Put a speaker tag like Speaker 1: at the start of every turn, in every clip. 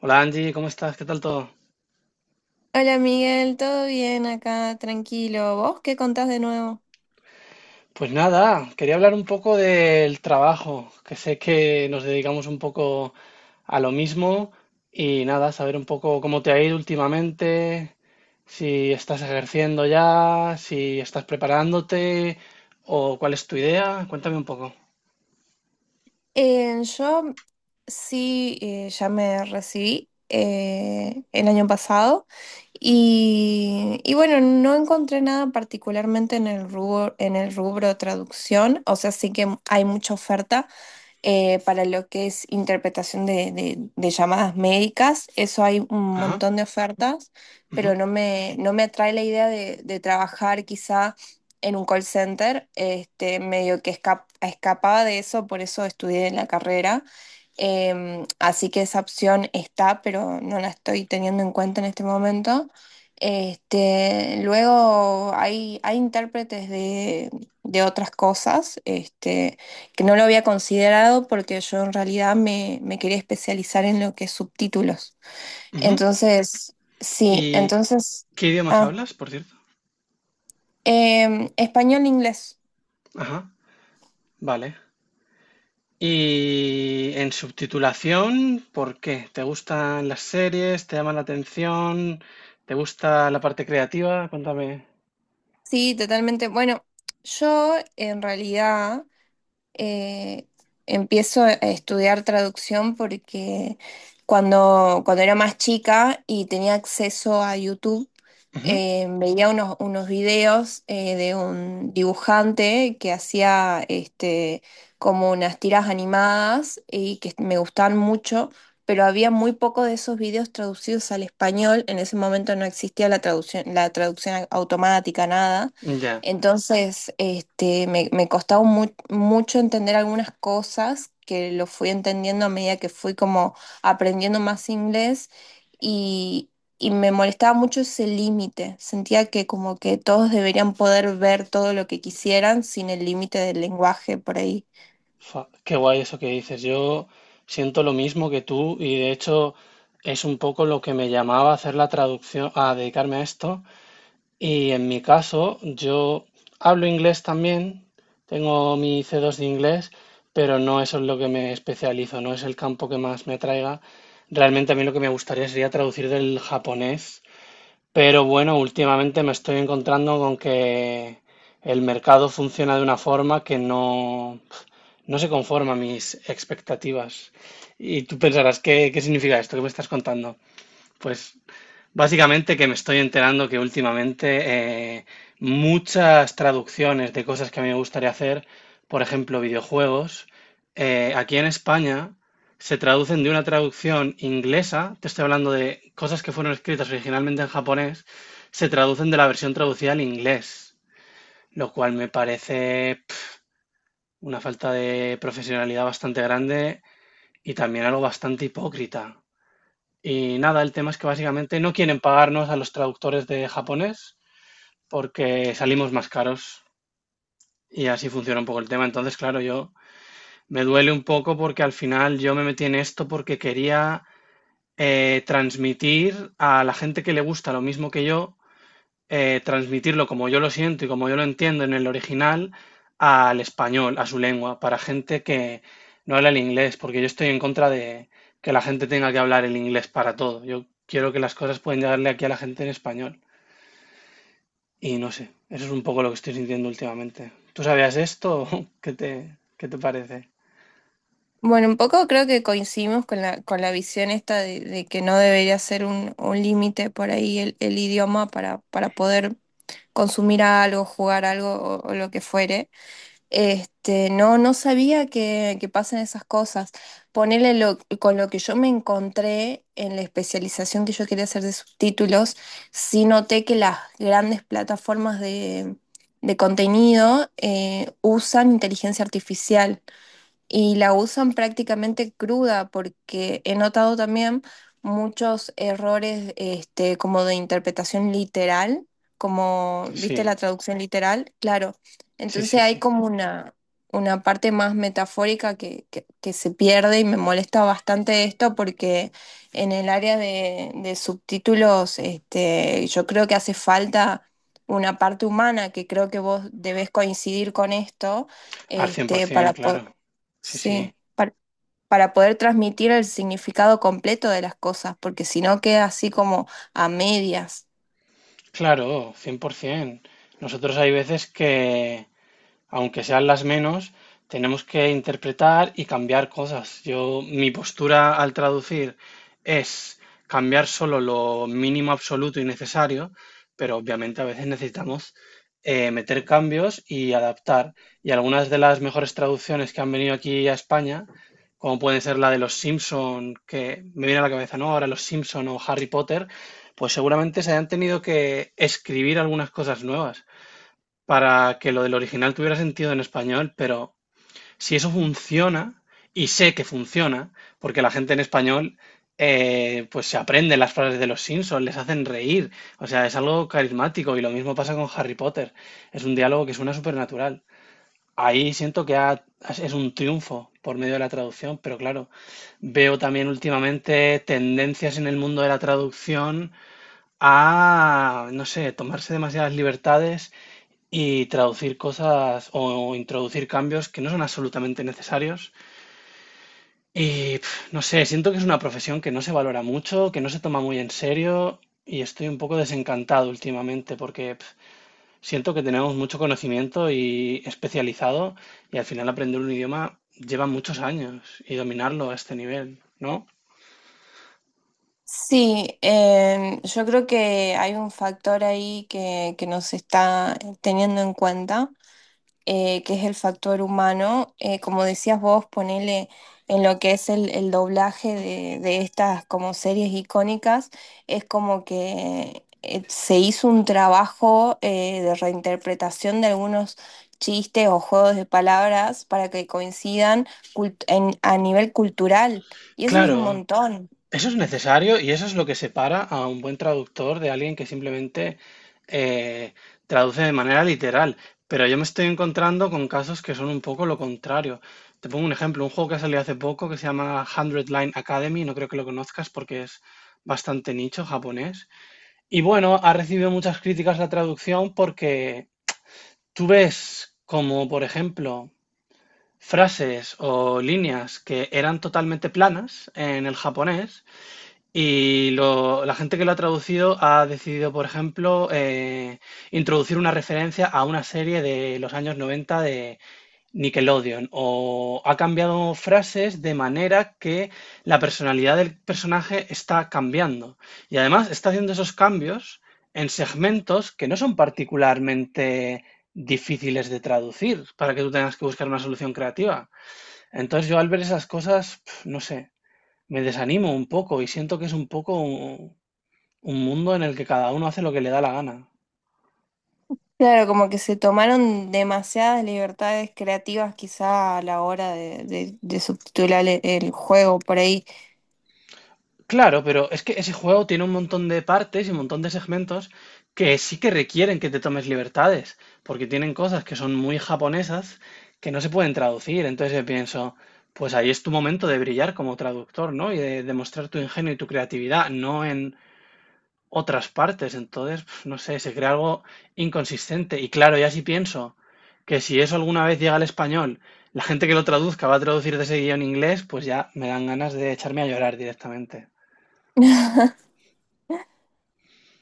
Speaker 1: Hola Angie, ¿cómo estás? ¿Qué tal todo?
Speaker 2: Hola Miguel, ¿todo bien acá? Tranquilo. ¿Vos qué contás de nuevo?
Speaker 1: Pues nada, quería hablar un poco del trabajo, que sé que nos dedicamos un poco a lo mismo y nada, saber un poco cómo te ha ido últimamente, si estás ejerciendo ya, si estás preparándote o cuál es tu idea. Cuéntame un poco.
Speaker 2: Yo sí, ya me recibí el año pasado y bueno, no encontré nada particularmente en el rubro traducción, o sea, sí que hay mucha oferta. Para lo que es interpretación de llamadas médicas, eso hay un
Speaker 1: Ajá,
Speaker 2: montón de ofertas,
Speaker 1: ujú,
Speaker 2: pero no me atrae la idea de trabajar quizá en un call center. Este, medio que escapaba de eso, por eso estudié en la carrera. Así que esa opción está, pero no la estoy teniendo en cuenta en este momento. Este, luego hay intérpretes de otras cosas. Este, que no lo había considerado porque yo en realidad me quería especializar en lo que es subtítulos.
Speaker 1: ujú.
Speaker 2: Entonces, sí,
Speaker 1: ¿Y
Speaker 2: entonces,
Speaker 1: qué idiomas
Speaker 2: ah,
Speaker 1: hablas, por cierto?
Speaker 2: em, español, inglés.
Speaker 1: Ajá. Vale. Y en subtitulación, ¿por qué? ¿Te gustan las series? ¿Te llaman la atención? ¿Te gusta la parte creativa? Cuéntame.
Speaker 2: Sí, totalmente. Bueno, yo en realidad eh, empiezo a estudiar traducción porque cuando era más chica y tenía acceso a YouTube,
Speaker 1: Ujú.
Speaker 2: veía unos videos de un dibujante que hacía este, como unas tiras animadas y que me gustaban mucho, pero había muy poco de esos videos traducidos al español. En ese momento no existía la traducción automática, nada.
Speaker 1: Ya.
Speaker 2: Entonces, este, me costaba mucho entender algunas cosas que lo fui entendiendo a medida que fui como aprendiendo más inglés y, y me molestaba mucho ese límite. Sentía que como que todos deberían poder ver todo lo que quisieran sin el límite del lenguaje por ahí.
Speaker 1: Qué guay eso que dices. Yo siento lo mismo que tú y de hecho es un poco lo que me llamaba a hacer la traducción, a dedicarme a esto. Y en mi caso, yo hablo inglés también, tengo mi C2 de inglés, pero no eso es lo que me especializo, no es el campo que más me atraiga. Realmente a mí lo que me gustaría sería traducir del japonés, pero bueno, últimamente me estoy encontrando con que el mercado funciona de una forma que no se conforma a mis expectativas. Y tú pensarás, ¿ qué significa esto que me estás contando? Pues básicamente que me estoy enterando que últimamente muchas traducciones de cosas que a mí me gustaría hacer, por ejemplo, videojuegos, aquí en España se traducen de una traducción inglesa, te estoy hablando de cosas que fueron escritas originalmente en japonés, se traducen de la versión traducida al inglés, lo cual me parece pf, una falta de profesionalidad bastante grande y también algo bastante hipócrita. Y nada, el tema es que básicamente no quieren pagarnos a los traductores de japonés porque salimos más caros y así funciona un poco el tema. Entonces, claro, yo me duele un poco porque al final yo me metí en esto porque quería transmitir a la gente que le gusta lo mismo que yo, transmitirlo como yo lo siento y como yo lo entiendo en el original al español, a su lengua, para gente que no habla el inglés, porque yo estoy en contra de que la gente tenga que hablar el inglés para todo. Yo quiero que las cosas puedan llegarle aquí a la gente en español. Y no sé, eso es un poco lo que estoy sintiendo últimamente. ¿Tú sabías esto? ¿ qué te parece?
Speaker 2: Bueno, un poco creo que coincidimos con con la visión esta de que no debería ser un límite por ahí el idioma para poder consumir algo, jugar algo o lo que fuere. Este, no, no sabía que pasan esas cosas. Ponele con lo que yo me encontré en la especialización que yo quería hacer de subtítulos, sí noté que las grandes plataformas de contenido usan inteligencia artificial y la usan prácticamente cruda porque he notado también muchos errores este, como de interpretación literal, como, ¿viste la
Speaker 1: Sí,
Speaker 2: traducción literal? Claro.
Speaker 1: sí, sí,
Speaker 2: Entonces hay
Speaker 1: sí.
Speaker 2: como una parte más metafórica que se pierde y me molesta bastante esto porque en el área de subtítulos este, yo creo que hace falta una parte humana que creo que vos debés coincidir con esto
Speaker 1: Al
Speaker 2: este,
Speaker 1: 100%, claro. Sí, sí.
Speaker 2: Sí, par- para poder transmitir el significado completo de las cosas, porque si no queda así como a medias.
Speaker 1: Claro, 100%. Nosotros hay veces que, aunque sean las menos, tenemos que interpretar y cambiar cosas. Yo, mi postura al traducir es cambiar solo lo mínimo absoluto y necesario, pero obviamente a veces necesitamos meter cambios y adaptar. Y algunas de las mejores traducciones que han venido aquí a España, como pueden ser la de Los Simpson, que me viene a la cabeza, ¿no? Ahora Los Simpson o Harry Potter, pues seguramente se hayan tenido que escribir algunas cosas nuevas para que lo del original tuviera sentido en español, pero si eso funciona, y sé que funciona, porque la gente en español, pues se aprende las frases de los Simpsons, les hacen reír, o sea, es algo carismático y lo mismo pasa con Harry Potter, es un diálogo que suena supernatural. Ahí siento que es un triunfo por medio de la traducción, pero claro, veo también últimamente tendencias en el mundo de la traducción a, no sé, tomarse demasiadas libertades y traducir cosas o introducir cambios que no son absolutamente necesarios. Y pf, no sé, siento que es una profesión que no se valora mucho, que no se toma muy en serio y estoy un poco desencantado últimamente porque pf, siento que tenemos mucho conocimiento y especializado y al final aprender un idioma lleva muchos años y dominarlo a este nivel, ¿no?
Speaker 2: Sí, yo creo que hay un factor ahí que no se está teniendo en cuenta. Que es el factor humano. Como decías vos, ponele en lo que es el doblaje de estas como series icónicas, es como que se hizo un trabajo de reinterpretación de algunos chistes o juegos de palabras para que coincidan a nivel cultural. Y eso es un
Speaker 1: Claro.
Speaker 2: montón.
Speaker 1: Eso es necesario y eso es lo que separa a un buen traductor de alguien que simplemente eh, traduce de manera literal. Pero yo me estoy encontrando con casos que son un poco lo contrario. Te pongo un ejemplo, un juego que salió hace poco que se llama Hundred Line Academy, no creo que lo conozcas porque es bastante nicho japonés. Y bueno, ha recibido muchas críticas la traducción porque tú ves como, por ejemplo, frases o líneas que eran totalmente planas en el japonés y la gente que lo ha traducido ha decidido, por ejemplo, introducir una referencia a una serie de los años 90 de Nickelodeon, o ha cambiado frases de manera que la personalidad del personaje está cambiando. Y además está haciendo esos cambios en segmentos que no son particularmente difíciles de traducir para que tú tengas que buscar una solución creativa. Entonces yo al ver esas cosas, pf, no sé, me desanimo un poco y siento que es un poco un mundo en el que cada uno hace lo que le da la gana.
Speaker 2: Claro, como que se tomaron demasiadas libertades creativas quizá a la hora de subtitular el juego por ahí.
Speaker 1: Claro, pero es que ese juego tiene un montón de partes y un montón de segmentos que sí que requieren que te tomes libertades, porque tienen cosas que son muy japonesas que no se pueden traducir. Entonces yo pienso, pues ahí es tu momento de brillar como traductor, ¿no? Y de demostrar tu ingenio y tu creatividad, no en otras partes. Entonces, pf, no sé, se crea algo inconsistente. Y claro, ya si pienso que si eso alguna vez llega al español, la gente que lo traduzca va a traducir de seguido en inglés, pues ya me dan ganas de echarme a llorar directamente.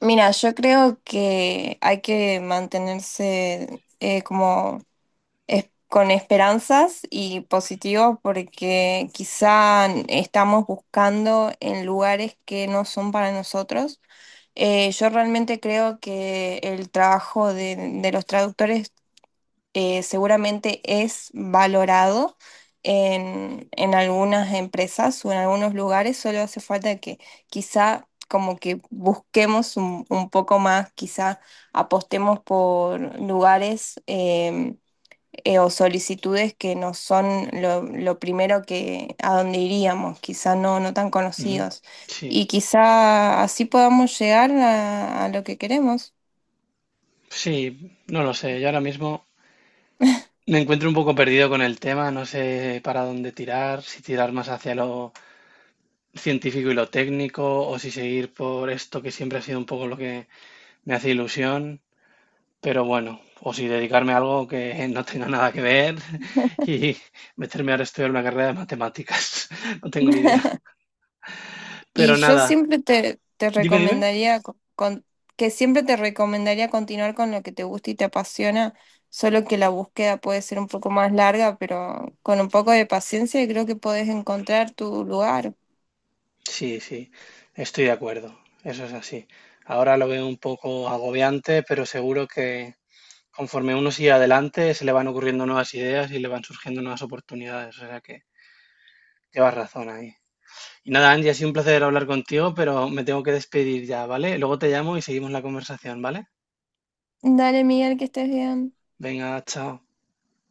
Speaker 2: Mira, yo creo que hay que mantenerse como con esperanzas y positivo porque quizá estamos buscando en lugares que no son para nosotros. Yo realmente creo que el trabajo de los traductores seguramente es valorado en algunas empresas o en algunos lugares, solo hace falta que quizá como que busquemos un poco más, quizá apostemos por lugares em, o solicitudes que no son lo primero que a donde iríamos, quizá no, no tan
Speaker 1: Ujú.
Speaker 2: conocidos.
Speaker 1: Sí,
Speaker 2: Y quizá así podamos llegar a lo que queremos.
Speaker 1: sí, no lo sé. Yo ahora mismo me encuentro un poco perdido con el tema, no sé para dónde tirar, si tirar más hacia lo científico y lo técnico, o si seguir por esto que siempre ha sido un poco lo que me hace ilusión. Pero bueno, o si dedicarme a algo que no tenga nada que ver y meterme ahora a estudiar una carrera de matemáticas. No tengo ni idea.
Speaker 2: Y
Speaker 1: Pero
Speaker 2: yo
Speaker 1: nada,
Speaker 2: siempre te
Speaker 1: dime.
Speaker 2: recomendaría que siempre te recomendaría continuar con lo que te gusta y te apasiona, solo que la búsqueda puede ser un poco más larga, pero con un poco de paciencia creo que podés encontrar tu lugar.
Speaker 1: Sí, sí, estoy de acuerdo. Eso es así. Ahora lo veo un poco agobiante, pero seguro que conforme uno sigue adelante se le van ocurriendo nuevas ideas y le van surgiendo nuevas oportunidades. O sea que llevas razón ahí. Y nada, Angie, ha sido un placer hablar contigo, pero me tengo que despedir ya, ¿vale? Luego te llamo y seguimos la conversación, ¿vale?
Speaker 2: Dale, Miguel, que estés bien.
Speaker 1: Venga, chao.